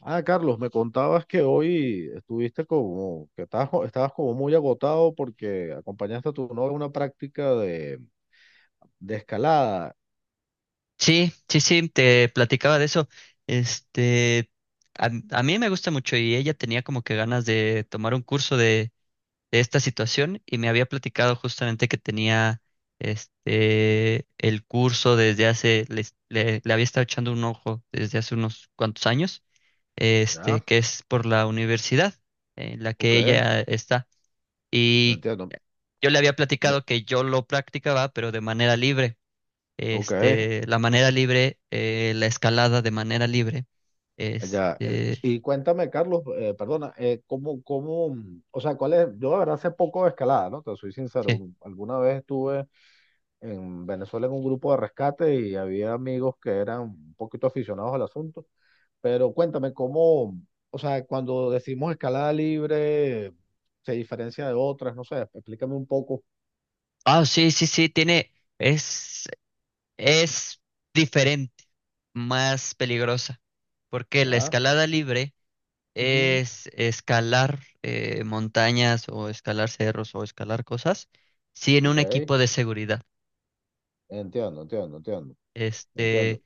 Ah, Carlos, me contabas que hoy estuviste como, que estabas, estabas como muy agotado porque acompañaste a tu novia a una práctica de escalada, Sí, sí, sí, te platicaba de eso. Este, a mí me gusta mucho y ella tenía como que ganas de tomar un curso de esta situación, y me había platicado justamente que tenía el curso desde hace, le había estado echando un ojo desde hace unos cuantos años, ¿ya? Que es por la universidad en la Ok, que ella está. Y entiendo. yo le había Me- platicado que yo lo practicaba, pero de manera libre. ok, La manera libre, la escalada de manera libre. ya. Este, Y cuéntame, Carlos, perdona, ¿cómo, o sea, cuál es, yo de verdad sé poco de escalada, ¿no? Te soy sincero, sí. Alguna vez estuve en Venezuela en un grupo de rescate y había amigos que eran un poquito aficionados al asunto. Pero cuéntame cómo, o sea, cuando decimos escalada libre, se diferencia de otras, no sé, explícame un poco. Ah, sí, sí, sí. Tiene, es, es diferente, más peligrosa, porque la ¿Ya? escalada libre Ujú. es escalar montañas, o escalar cerros, o escalar cosas, sí, en un Ok. equipo de seguridad. Entiendo, entiendo, entiendo, Este, entiendo.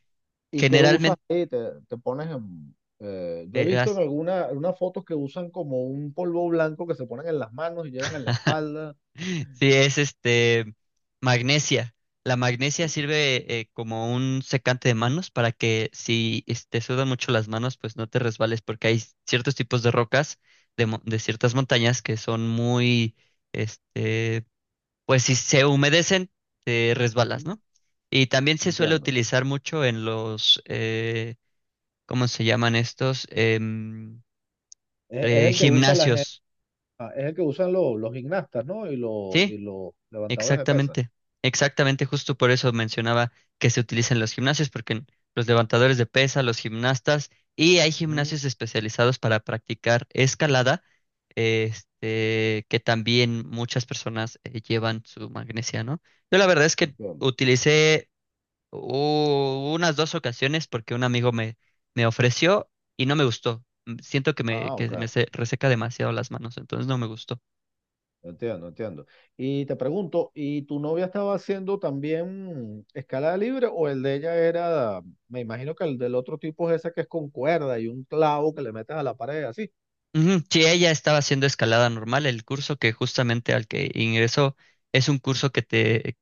¿Y qué usas Generalmente, ahí? Te pones en yo he eh, visto en alguna, en unas fotos que usan como un polvo blanco que se ponen en las manos y llevan en la espalda. sí, es magnesia. La magnesia sirve como un secante de manos para que si te sudan mucho las manos, pues no te resbales, porque hay ciertos tipos de rocas de ciertas montañas que son muy, este, pues si se humedecen, te resbalas, Ujú. ¿no? Y también se suele Entiendo. utilizar mucho en los, ¿cómo se llaman estos? Es el que usa la gente, Gimnasios. es el que usan los gimnastas, ¿no? Y, los y ¿Sí? los levantadores de pesas. Exactamente, exactamente, justo por eso mencionaba que se utilizan los gimnasios, porque los levantadores de pesa, los gimnastas, y hay Ujú. gimnasios especializados para practicar escalada, que también muchas personas llevan su magnesia, ¿no? Yo la verdad es que Entiendo. utilicé unas dos ocasiones, porque un amigo me ofreció y no me gustó. Siento que me, Ah, que me ok. se- reseca demasiado las manos, entonces no me gustó. Entiendo, entiendo. Y te pregunto, ¿y tu novia estaba haciendo también escalada libre o el de ella era, me imagino que el del otro tipo es ese que es con cuerda y un clavo que le metes a la pared así? Ujú. Sí, ella estaba haciendo escalada normal. El curso que justamente al que ingresó es un curso que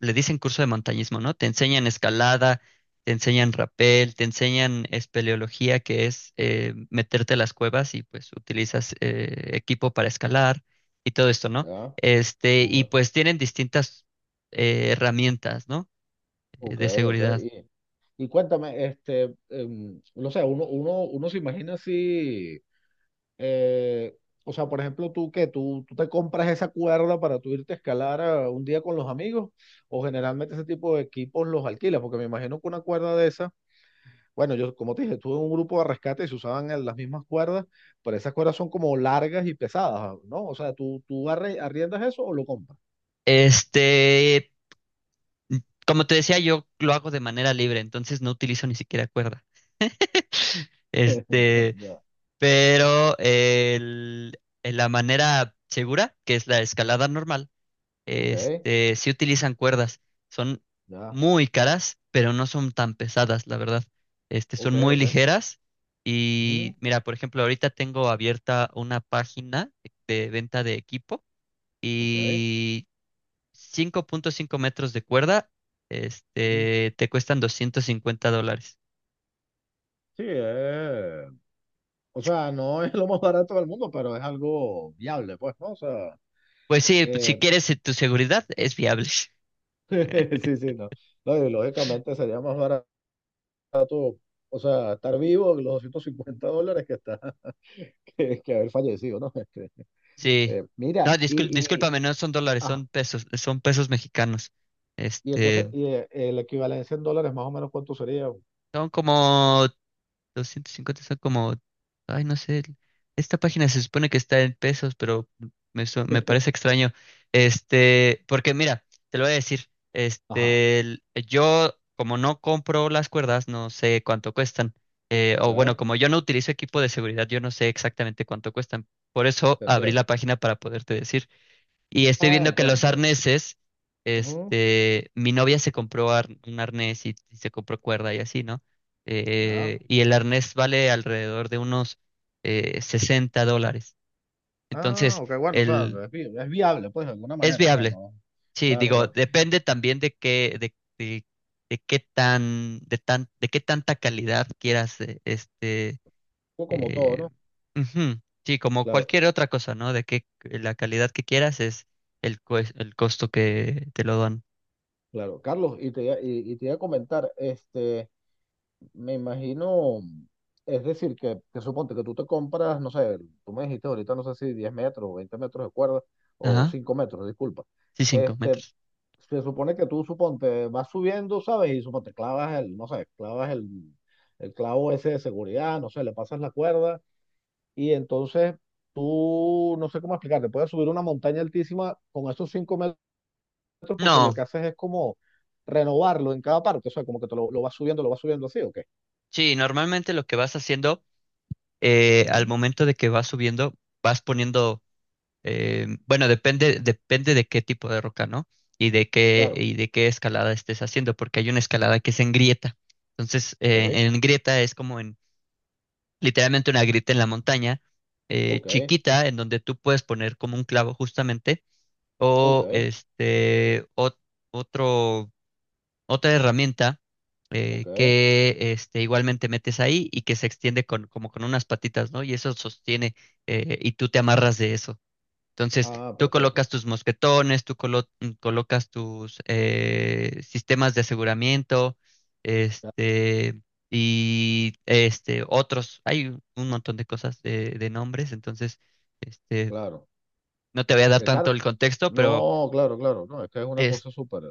le dicen curso de montañismo, ¿no? Te enseñan escalada, te enseñan rapel, te enseñan espeleología, que es meterte a las cuevas y pues utilizas equipo para escalar y todo esto, ¿no? Ya, Y ok, pues tienen distintas herramientas, ¿no? Ok. De Ok. seguridad. Y cuéntame, no sé, uno se imagina así, eh, o sea, por ejemplo, tú que tú te compras esa cuerda para tú irte a escalar a un día con los amigos, o generalmente ese tipo de equipos los alquilas, porque me imagino que una cuerda de esa. Bueno, yo, como te dije, estuve en un grupo de rescate y se usaban las mismas cuerdas, pero esas cuerdas son como largas y pesadas, ¿no? O sea, ¿Tú arriendas eso o lo compras? Este, Como te decía, yo lo hago de manera libre, entonces no utilizo ni siquiera cuerda. Este, Ya, pero en la manera segura, que es la escalada normal, ok. Sí utilizan cuerdas. Son Ya, muy caras, pero no son tan pesadas, la verdad. Son ok, muy ok, ligeras, ujú, y mira, por ejemplo, ahorita tengo abierta una página de venta de equipo, ok. y 5,5 metros de cuerda, Ujú. Te cuestan 250 dólares. Sí, o sea, no es lo más barato del mundo, pero es algo viable, pues, ¿no? O sea, Pues sí, pues si Eh, quieres tu seguridad, es viable. sí, sí, no. No, y lógicamente sería más barato, o sea, estar vivo los 50 dólares que está, que haber fallecido, ¿no? Sí. No, mira, y, mm. discúlpame, no son dólares, Ajá. Son pesos mexicanos. Y entonces, Este, equivalencia en dólares, más o menos, ¿cuánto sería? Son como 250, son como, ay, no sé, esta página se supone que está en pesos, pero me parece extraño. Porque mira, te lo voy a decir, Ajá. Yo como no compro las cuerdas, no sé cuánto cuestan. O bueno, ¿Ya? como yo no utilizo equipo de seguridad, yo no sé exactamente cuánto cuestan. Por eso Te abrí entiendo. la página para poderte decir. Y estoy Ah, viendo que los entiendo. arneses, Ujú. Mi novia se compró un arnés, y se compró cuerda y así, ¿no? ¿Ya? Y el arnés vale alrededor de unos 60 dólares. Ah, Entonces, ok, bueno, o sea, el, es, es viable, pues, de alguna es manera, o sea, viable. no. Sí, Claro, digo, claro. depende también de qué tanta calidad quieras, Fue como todo, eh, ¿no? ujú. Sí, como Claro, cualquier otra cosa, ¿no? De que la calidad que quieras es el costo que te lo dan. claro. Carlos, y te iba a comentar, me imagino, es decir, que suponte que tú te compras, no sé, tú me dijiste ahorita, no sé si 10 metros o 20 metros de cuerda, o Ajá. 5 metros, disculpa. Sí, cinco Este, metros. Se supone que tú, suponte, vas subiendo, ¿sabes? Y suponte, clavas el, no sé, clavas el clavo ese de seguridad, no sé, le pasas la cuerda y entonces tú, no sé cómo explicarte, puedes subir una montaña altísima con esos 5 metros, porque lo No, que haces es como renovarlo en cada parte, o sea, como que te lo vas subiendo, lo vas subiendo así, ¿o qué? sí, normalmente lo que vas haciendo al Ujú. momento de que vas subiendo, vas poniendo, bueno, depende de qué tipo de roca, ¿no? Claro, Y de qué escalada estés haciendo, porque hay una escalada que es en grieta. Entonces, ok, en grieta es como literalmente una grita en la montaña, ok, chiquita, en donde tú puedes poner como un clavo justamente, ok, o otro, otra herramienta ok. Igualmente metes ahí, y que se extiende con, como con unas patitas, ¿no? Y eso sostiene, y tú te amarras de eso. Entonces, Ah, tú perfecto. colocas tus mosquetones, colocas tus sistemas de aseguramiento, Ya. este, otros. Hay un montón de cosas, de nombres, entonces, este, Claro. no te voy a dar Eh, tanto Car- el contexto, pero No, claro, claro, no, es que es una es. cosa súper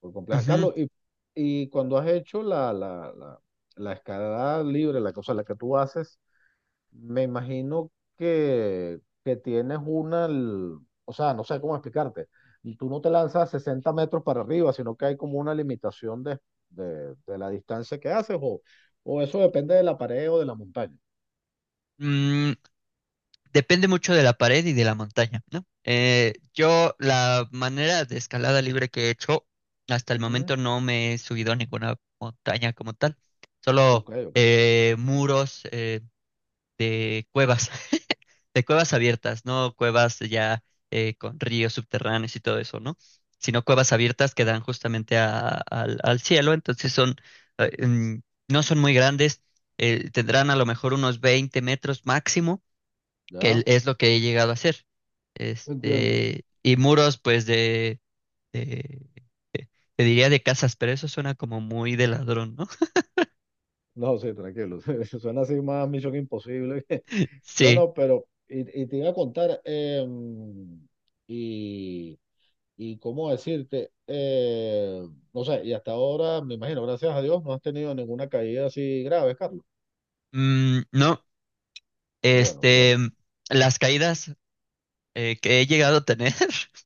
súper compleja. Ujú. Carlos, y cuando has hecho la escalada libre, la cosa la que tú haces, me imagino que tienes una, o sea, no sé cómo explicarte, y tú no te lanzas 60 metros para arriba, sino que hay como una limitación de, la distancia que haces, o eso depende de la pared o de la montaña. Mm, Depende mucho de la pared y de la montaña, ¿no? Yo, la manera de escalada libre que he hecho, hasta el Ujú. momento no me he subido a ninguna montaña como tal, solo Ok, ok, muros, de cuevas, de cuevas abiertas, no cuevas ya con ríos subterráneos y todo eso, ¿no? Sino cuevas abiertas que dan justamente al cielo, entonces son, eh, mm, no son muy grandes, tendrán a lo mejor unos 20 metros máximo, que ya, es lo que he llegado a hacer. entiendo. Y muros, pues, de- de- te diría de casas, pero eso suena como muy de ladrón, ¿no? No, sí, tranquilo. Suena así más Misión Imposible. No, Sí. no, pero y te iba a contar, y, y cómo decirte, no sé, y hasta ahora, me imagino, gracias a Dios, no has tenido ninguna caída así grave, Carlos. No, Qué bueno, qué este, bueno. las caídas que he llegado a tener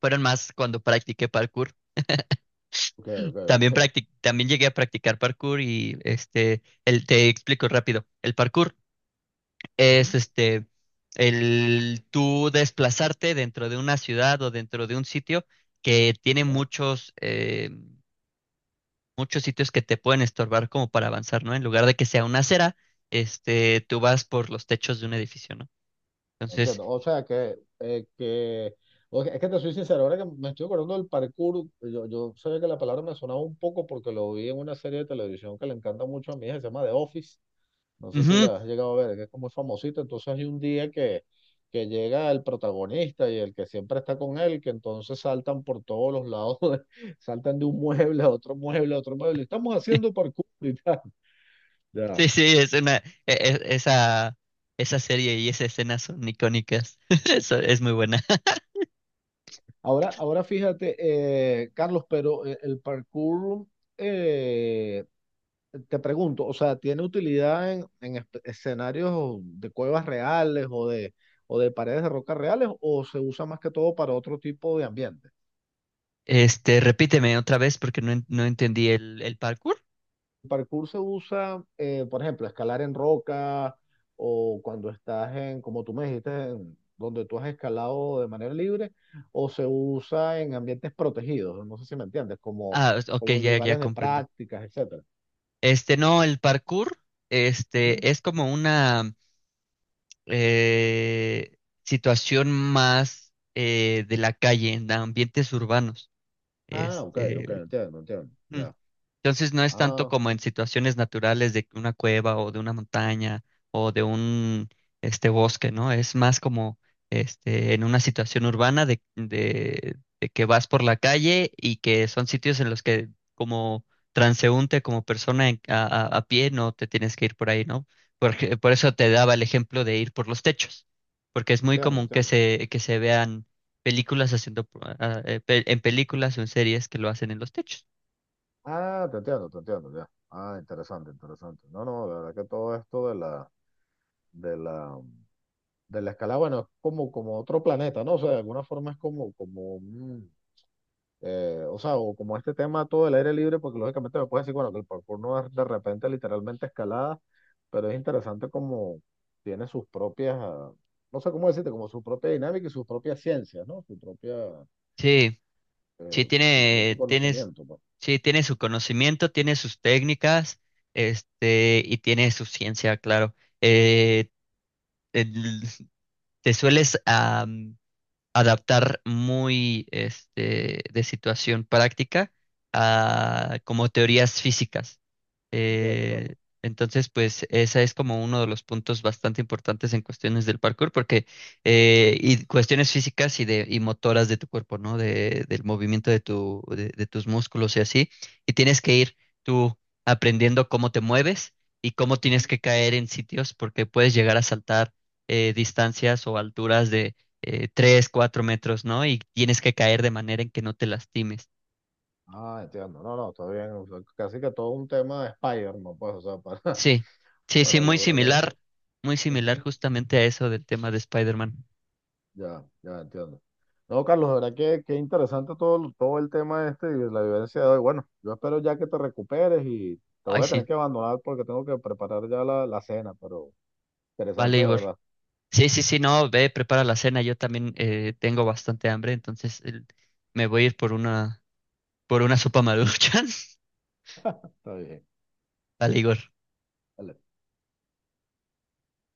fueron más cuando practiqué parkour. Ok, ok, También ok. También llegué a practicar parkour, y te explico rápido. El parkour es Ujú, el tú desplazarte dentro de una ciudad o dentro de un sitio que tiene ya. muchos sitios que te pueden estorbar como para avanzar, ¿no? En lugar de que sea una acera, tú vas por los techos de un edificio, ¿no? Entonces, Entiendo. O sea que o sea, es que te soy sincero, ahora que me estoy acordando del parkour, yo sabía que la palabra me sonaba un poco porque lo vi en una serie de televisión que le encanta mucho a mi hija, se llama The Office. No sé si ujú. la has llegado a ver, que es como famosita. Entonces hay un día que llega el protagonista y el que siempre está con él, que entonces saltan por todos los lados, saltan de un mueble a otro mueble a otro mueble. Estamos haciendo parkour y tal. Ya. Sí, sí, es una esa serie, y esa escena son icónicas. Eso es muy buena. Ahora fíjate, Carlos, pero el parkour, eh, te pregunto, o sea, ¿tiene utilidad en, escenarios de cuevas reales o o de paredes de roca reales o se usa más que todo para otro tipo de ambiente? Repíteme otra vez, porque no, no entendí el parkour. El parkour se usa, por ejemplo, escalar en roca o cuando estás en, como tú me dijiste, en donde tú has escalado de manera libre, o se usa en ambientes protegidos, no sé si me entiendes, como, Ah, ok, como en ya, ya lugares de comprendo. prácticas, etcétera. No, el parkour, Ujú. Es como una eh, situación más de la calle, en ambientes urbanos. Ah, ok, ok, Este, entiendo, entiendo, mm. ya. Entonces, no es tanto Ah, como en situaciones naturales de una cueva o de una montaña o de un bosque, ¿no? Es más como en una situación urbana de que vas por la calle, y que son sitios en los que como transeúnte, como persona a pie, no te tienes que ir por ahí, ¿no? Porque por eso te daba el ejemplo de ir por los techos, porque es muy entiendo, común que entiendo. Que se vean películas haciendo en películas o en series que lo hacen en los techos. Ah, te entiendo, ya. Ah, interesante, interesante. No, no, la verdad que todo esto de la, de la, escalada, bueno, es como, como otro planeta, ¿no? O sea, de alguna forma es como o sea, o como este tema todo el aire libre, porque lógicamente me puedes decir, bueno, que el parkour no es de repente literalmente escalada, pero es interesante como tiene sus propias, no sé cómo decirte, como su propia dinámica y sus propias ciencias, ¿no? Su propia, Sí. Sí, su propio tiene, tienes, conocimiento, pues, sí, tiene su conocimiento, tiene sus técnicas, y tiene su ciencia, claro. Eh, el- Te sueles adaptar muy, de situación práctica, ¿no? a como teorías físicas. Entiendo, Eh, Carlos. entonces, pues esa es como uno de los puntos bastante importantes en cuestiones del parkour, porque y cuestiones físicas y motoras de tu cuerpo, ¿no? Del movimiento de tus músculos y así. Y tienes que ir tú aprendiendo cómo te mueves y cómo Ujú. tienes que caer en sitios, porque puedes llegar a saltar distancias o alturas de 3, 4 metros, ¿no? Y tienes que caer de manera en que no te lastimes. Ah, entiendo, no, no, está bien, o sea, casi que todo un tema de Spider-Man, pues, o sea, para, Sí, sí, sí, para muy lograr similar, eso. muy similar, Ujú. justamente a eso del tema de Spider-Man. Ya, ya entiendo. No, Carlos, de verdad que interesante todo el tema este y la vivencia de hoy. Bueno, yo espero ya que te recuperes y te Ay, voy a tener sí, que abandonar porque tengo que preparar ya la cena, pero vale, interesante de Igor. verdad. Sí, sí, sí, no, ve, prepara la cena, yo también tengo bastante hambre, entonces me voy a ir por una sopa maruchan. Está bien. Vale, Igor. Dale.